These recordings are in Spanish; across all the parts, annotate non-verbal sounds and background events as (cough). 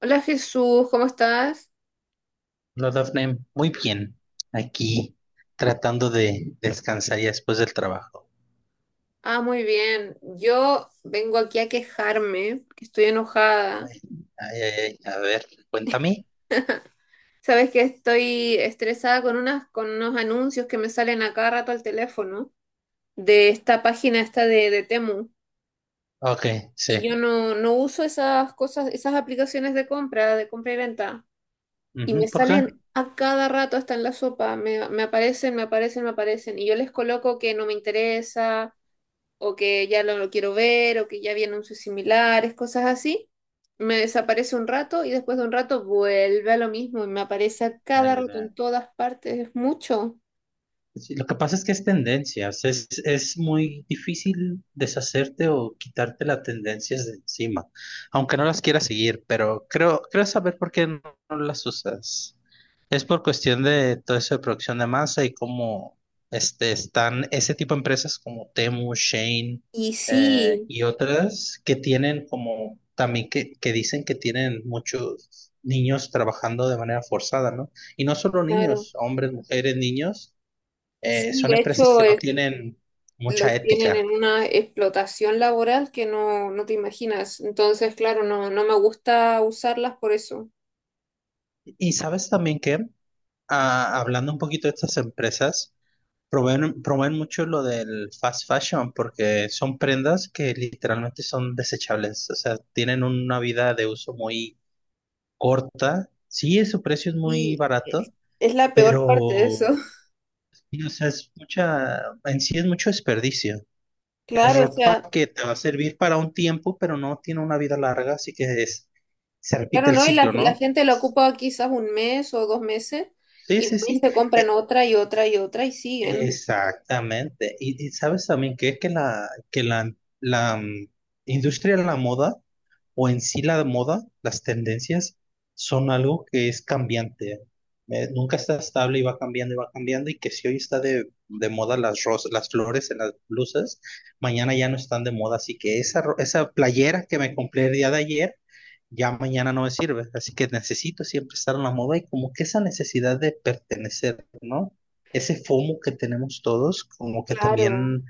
Hola Jesús, ¿cómo estás? No, Dafne, muy bien. Aquí tratando de descansar ya después del trabajo. Ah, muy bien. Yo vengo aquí a quejarme, que estoy enojada. Ay, ay, ay, ay, a ver, cuéntame. Sabes que estoy estresada con unos anuncios que me salen a cada rato al teléfono de esta página de Temu. Ok, Y yo sí. no uso esas cosas, esas aplicaciones de compra y venta. Y me Ujú, ¿por qué? salen a cada rato hasta en la sopa. Me aparecen, me aparecen, me aparecen. Y yo les coloco que no me interesa, o que ya no lo quiero ver, o que ya vi anuncios similares, cosas así. Me desaparece un rato y después de un rato vuelve a lo mismo y me aparece a cada El, rato eh, en todas partes, es mucho. sí, lo que pasa es que es tendencia. O sea, es muy difícil deshacerte o quitarte las tendencias de encima, aunque no las quieras seguir, pero creo, creo saber por qué no las usas. Es por cuestión de todo eso de producción de masa y cómo están ese tipo de empresas como Temu, Shane, Y sí, y otras que tienen como también que dicen que tienen muchos niños trabajando de manera forzada, ¿no? Y no solo claro. niños, hombres, mujeres, niños, Sí, son de empresas hecho, que no tienen mucha los tienen ética. en una explotación laboral que no te imaginas. Entonces, claro, no me gusta usarlas por eso. Y sabes también que, hablando un poquito de estas empresas, promueven, promueven mucho lo del fast fashion porque son prendas que literalmente son desechables, o sea, tienen una vida de uso muy corta. Sí, su precio es muy Y barato, es la peor parte de eso. pero (laughs) y, o sea, es mucha, en sí es mucho desperdicio. Es Claro, o ropa sea, que te va a servir para un tiempo, pero no tiene una vida larga, así que es, se repite claro, el ¿no? Y la, ciclo, la ¿no? gente la ocupa quizás un mes o dos meses, Sí, y van sí, y sí. se compran E- otra y otra y otra y siguen. Exactamente. Y sabes también que es que la industria de la moda o en sí la moda, las tendencias, son algo que es cambiante. Nunca está estable y va cambiando y va cambiando y que si hoy está de moda las rosas, las flores en las blusas, mañana ya no están de moda. Así que esa, esa playera que me compré el día de ayer ya mañana no me sirve, así que necesito siempre estar en la moda y como que esa necesidad de pertenecer, ¿no? Ese FOMO que tenemos todos, como que Claro. también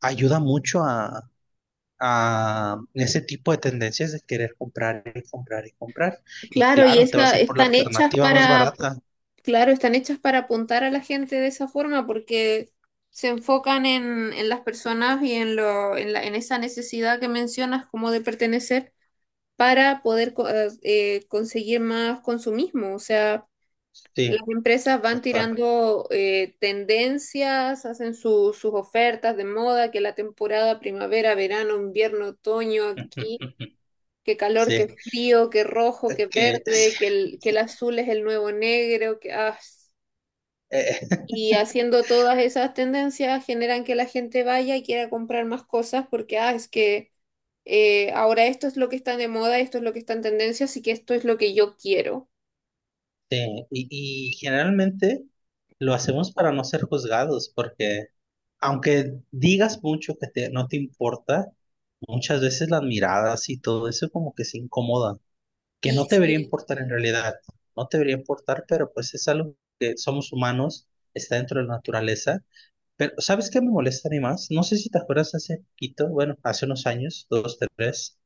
ayuda mucho a ese tipo de tendencias de querer comprar y comprar y comprar. Y Claro, y claro, te vas esa, a ir por la están hechas alternativa más para, barata. claro, están hechas para apuntar a la gente de esa forma, porque se enfocan en las personas y en en esa necesidad que mencionas como de pertenecer para poder conseguir más consumismo. O sea, las Sí, empresas van total. tirando tendencias, hacen sus ofertas de moda, que la temporada primavera, verano, invierno, otoño, aquí, (laughs) que calor, que Sí, frío, que rojo, que que, verde, que el azul es el nuevo negro, que, ah, eh, (laughs) y haciendo todas esas tendencias generan que la gente vaya y quiera comprar más cosas porque ah, es que ahora esto es lo que está de moda, esto es lo que está en tendencia, así que esto es lo que yo quiero. sí, y generalmente lo hacemos para no ser juzgados, porque aunque digas mucho que no te importa, muchas veces las miradas y todo eso como que se incomodan, que Y no te debería sí, importar en realidad, no te debería importar, pero pues es algo que somos humanos, está dentro de la naturaleza. Pero ¿sabes qué me molesta a mí más? No sé si te acuerdas hace poquito, bueno, hace unos años, dos, tres,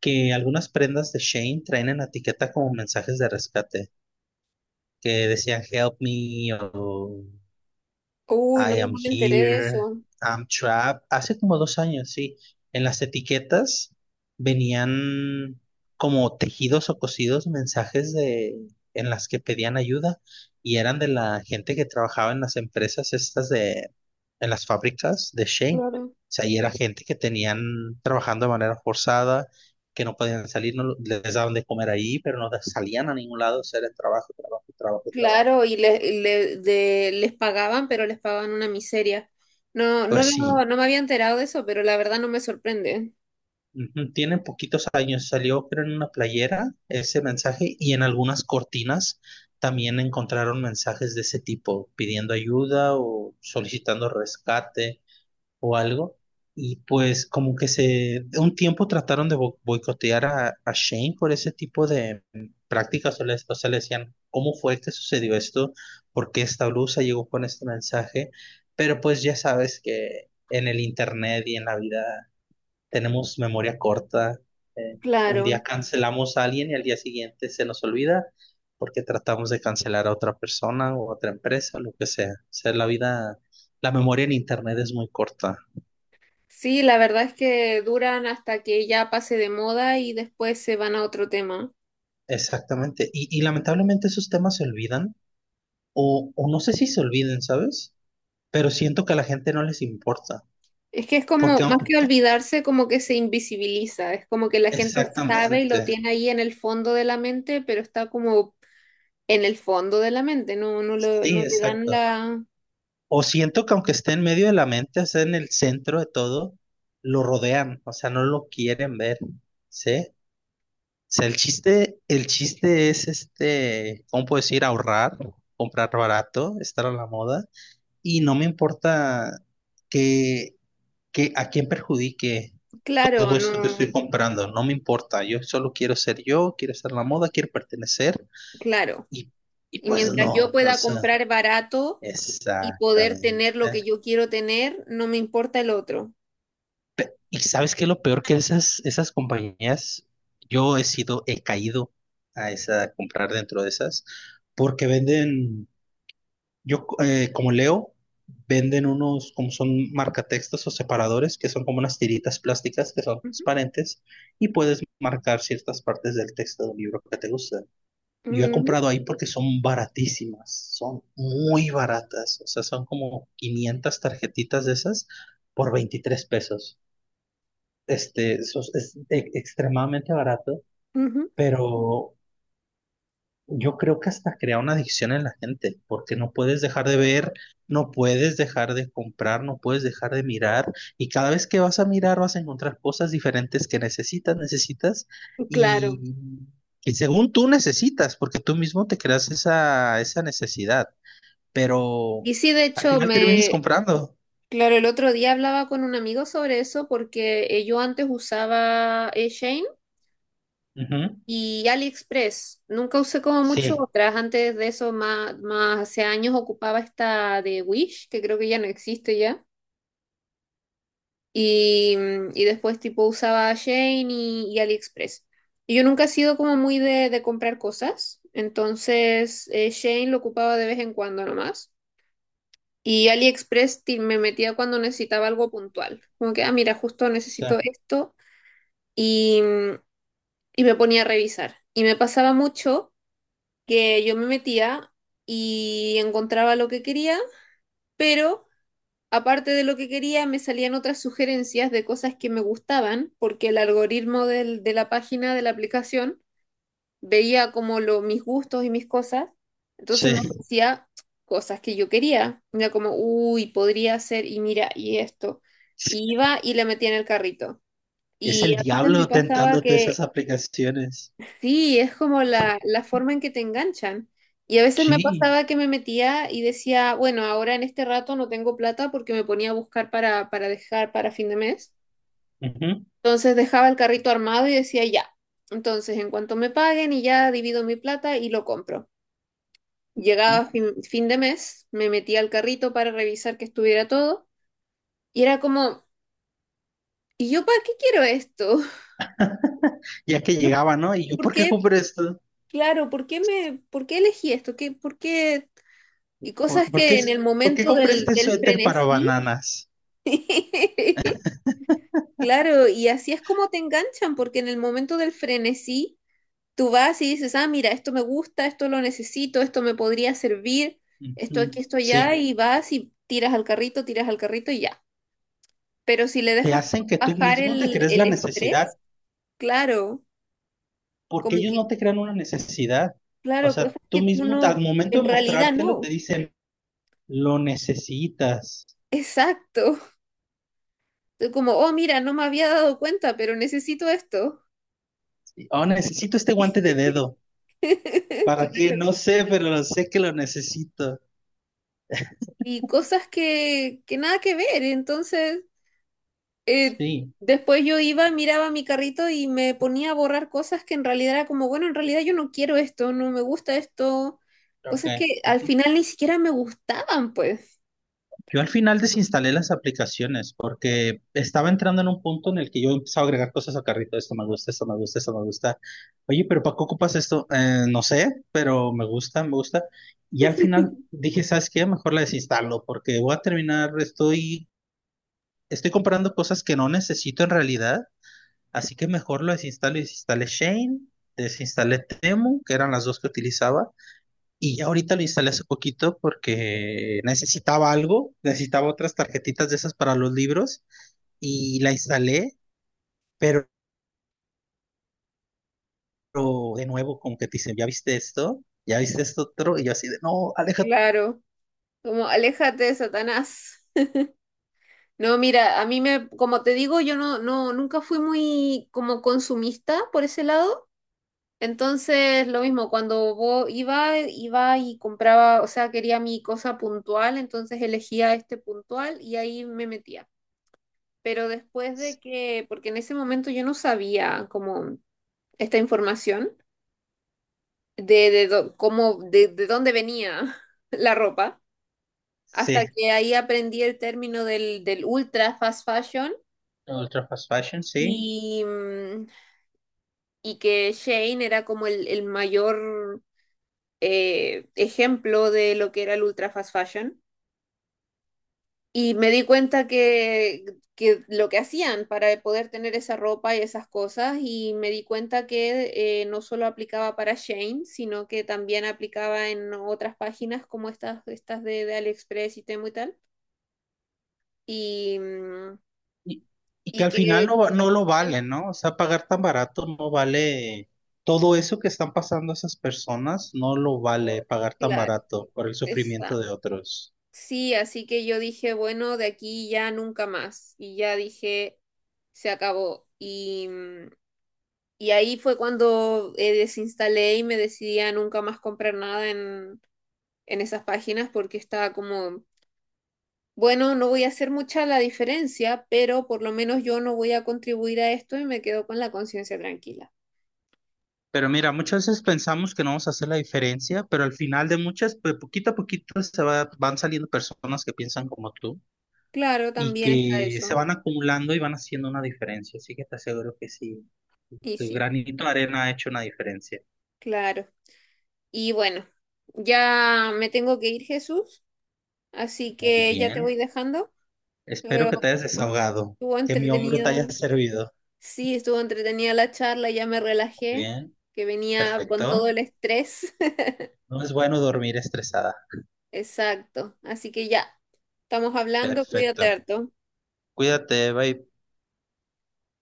que algunas prendas de Shane traen en la etiqueta como mensajes de rescate, que decían help me o uy, no, I am no me enteré de here, eso. I'm trapped. Hace como dos años, sí. En las etiquetas venían como tejidos o cosidos mensajes de, en las que pedían ayuda y eran de la gente que trabajaba en las empresas estas de, en las fábricas de Shane. Claro. O sea, y era gente que tenían trabajando de manera forzada, que no podían salir, no lo- les daban de comer ahí, pero no salían a ningún lado, o sea, era trabajo, trabajo, trabajo, trabajo. Claro, y les pagaban, pero les pagaban una miseria. No, Pues sí, no me había enterado de eso, pero la verdad no me sorprende. ujú, tiene poquitos años, salió creo en una playera ese mensaje y en algunas cortinas también encontraron mensajes de ese tipo, pidiendo ayuda o solicitando rescate o algo. Y pues como que se, de un tiempo trataron de boicotear a Shane por ese tipo de prácticas, o le, o sea, le decían, ¿cómo fue que sucedió esto? ¿Por qué esta blusa llegó con este mensaje? Pero pues ya sabes que en el internet y en la vida tenemos memoria corta. Un día Claro. cancelamos a alguien y al día siguiente se nos olvida porque tratamos de cancelar a otra persona o a otra empresa, lo que sea. O sea, la vida, la memoria en Internet es muy corta. Sí, la verdad es que duran hasta que ya pase de moda y después se van a otro tema. Exactamente. Y lamentablemente esos temas se olvidan o no sé si se olviden, ¿sabes? Pero siento que a la gente no les importa. Es que es como, Porque, más que olvidarse, como que se invisibiliza. Es como que la gente sabe y lo exactamente. tiene ahí en el fondo de la mente, pero está como en el fondo de la mente. No, Sí, no le dan exacto. la... O siento que aunque esté en medio de la mente, o sea, en el centro de todo, lo rodean, o sea, no lo quieren ver, ¿sí? O sea, el chiste es este, ¿cómo puedo decir? Ahorrar, comprar barato, estar a la moda, y no me importa que, que a quién perjudique Claro, todo esto que estoy no, comprando, no me importa, yo solo quiero ser yo, quiero estar a la moda, quiero pertenecer, claro. y, y Y pues mientras yo no, o pueda sea, comprar barato y poder exactamente. tener lo que yo quiero tener, no me importa el otro. Y sabes qué es lo peor que esas, esas compañías, yo he sido, he caído a esa, a comprar dentro de esas, porque venden, yo como leo, venden unos, como son marcatextos o separadores, que son como unas tiritas plásticas que son Ujú, transparentes y puedes marcar ciertas partes del texto de un libro que te gusta. Yo he ujú, comprado ahí porque son baratísimas, son muy baratas, o sea, son como 500 tarjetitas de esas por 23 pesos eso es, extremadamente barato, pero yo creo que hasta crea una adicción en la gente, porque no puedes dejar de ver, no puedes dejar de comprar, no puedes dejar de mirar, y cada vez que vas a mirar vas a encontrar cosas diferentes que necesitas, necesitas, ujú, claro. y, y según tú necesitas, porque tú mismo te creas esa, esa necesidad, pero Y sí, de al hecho, final terminas me... comprando. Claro, el otro día hablaba con un amigo sobre eso porque yo antes usaba Shein Ujú. y AliExpress. Nunca usé como mucho Sí, otras. Antes de eso, más hace años ocupaba esta de Wish, que creo que ya no existe ya. Y, y después tipo usaba Shein y AliExpress. Y yo nunca he sido como muy de comprar cosas, entonces Shein lo ocupaba de vez en cuando nomás. Y AliExpress me metía cuando necesitaba algo puntual. Como que, ah, mira, justo sí, necesito esto. Y, y me ponía a revisar. Y me pasaba mucho que yo me metía y encontraba lo que quería, pero aparte de lo que quería, me salían otras sugerencias de cosas que me gustaban, porque el algoritmo de la página de la aplicación veía como mis gustos y mis cosas, entonces me ofrecía cosas que yo quería. Era como, uy, podría ser, y mira, y esto. sí, Y iba y le metía en el carrito. es Y el a veces me diablo pasaba tentándote esas que aplicaciones. sí, es como la forma en que te enganchan. Y a veces me Sí. pasaba que me metía y decía, bueno, ahora en este rato no tengo plata porque me ponía a buscar para dejar para fin de mes. Ujú, Entonces dejaba el carrito armado y decía, ya. Entonces, en cuanto me paguen y ya divido mi plata y lo compro. ujú. Llegaba fin de mes, me metía al carrito para revisar que estuviera todo. Y era como, ¿y yo para qué quiero esto? (laughs) Ya que (laughs) Yo, llegaba, ¿no? Y yo, ¿por ¿por qué qué? compré esto? Claro, ¿por qué me, por qué elegí esto? ¿Qué, por qué? Y cosas ¿Por, por qué, que en el es- por qué momento compré este del suéter para frenesí, bananas? (laughs) claro, y así es como te enganchan, porque en el momento del frenesí, tú vas y dices, ah, mira, esto me gusta, esto lo necesito, esto me podría servir, esto aquí, Ujú, esto allá, sí, y vas y tiras al carrito y ya. Pero si le te dejas hacen que tú bajar mismo te crees el la estrés, necesidad, claro, porque como ellos que, no te crean una necesidad. O claro, sea, cosas tú que tú mismo, al no, momento en de realidad mostrártelo, te no. dicen, lo necesitas. Exacto. Tú como, oh, mira, no me había dado cuenta, pero necesito esto. Oh, necesito este guante de dedo. (laughs) ¿Para qué? Claro. No sé, pero sé que lo necesito. Y cosas que nada que ver. Entonces, eh, Sí, después yo iba, miraba mi carrito y me ponía a borrar cosas que en realidad era como, bueno, en realidad yo no quiero esto, no me gusta esto. ok. Cosas que al final ni siquiera me gustaban, pues. Yo al final desinstalé las aplicaciones porque estaba entrando en un punto en el que yo empezaba a agregar cosas a carrito. Esto me gusta, esto me gusta, esto me gusta. Oye, pero ¿para qué ocupas esto? No sé, pero me gusta, me gusta. Y al final dije, ¿sabes qué? Mejor la desinstalo porque voy a terminar, estoy, estoy comprando cosas que no necesito en realidad. Así que mejor lo desinstalo. Desinstalé Shane, desinstalé Temu, que eran las dos que utilizaba. Y ya ahorita lo instalé hace poquito porque necesitaba algo, necesitaba otras tarjetitas de esas para los libros y la instalé, pero de nuevo como que te dicen, ¿ya viste esto? ¿Ya viste esto otro? Y yo así de, no, aléjate. Claro, como aléjate, Satanás. No, mira, a mí me, como te digo, yo nunca fui muy como consumista por ese lado. Entonces, lo mismo, cuando iba y compraba, o sea, quería mi cosa puntual, entonces elegía este puntual y ahí me metía. Pero después de que, porque en ese momento yo no sabía como esta información de dó- cómo, de dónde venía (laughs) la ropa, Sí, hasta que ahí aprendí el término del ultra fast fashion ultra fast fashion, sí. y, mm, y que Shane era como el mayor ejemplo de lo que era el ultra fast fashion, y me di cuenta que lo que hacían para poder tener esa ropa y esas cosas, y me di cuenta que no solo aplicaba para Shane, sino que también aplicaba en otras páginas como estas de AliExpress y Temu y tal. Y, mm, Y, y que y al final que, no, no lo vale, ¿no? O sea, pagar tan barato no vale todo eso que están pasando esas personas, no lo vale pagar tan claro, barato por el sufrimiento exacto. de otros. Sí, así que yo dije, bueno, de aquí ya nunca más. Y ya dije, se acabó. Y, mm, y ahí fue cuando desinstalé y me decidí a nunca más comprar nada en, en esas páginas porque estaba como, bueno, no voy a hacer mucha la diferencia, pero por lo menos yo no voy a contribuir a esto y me quedo con la conciencia tranquila. Pero mira, muchas veces pensamos que no vamos a hacer la diferencia, pero al final de muchas, pues poquito a poquito van saliendo personas que piensan como tú Claro, y también está que se eso. van acumulando y van haciendo una diferencia. Así que te aseguro que sí, Y tu sí, granito de arena ha hecho una diferencia. claro. Y bueno, ya me tengo que ir, Jesús, así Muy que ya te bien. voy dejando, Espero pero que te hayas desahogado, estuvo que mi hombro te haya entretenida. servido. Sí, estuvo entretenida la charla, ya me Muy relajé, bien, que venía con todo el perfecto. estrés. No es bueno dormir estresada. Exacto. Así que ya, estamos hablando, cuídate Perfecto. harto. Cuídate, bye.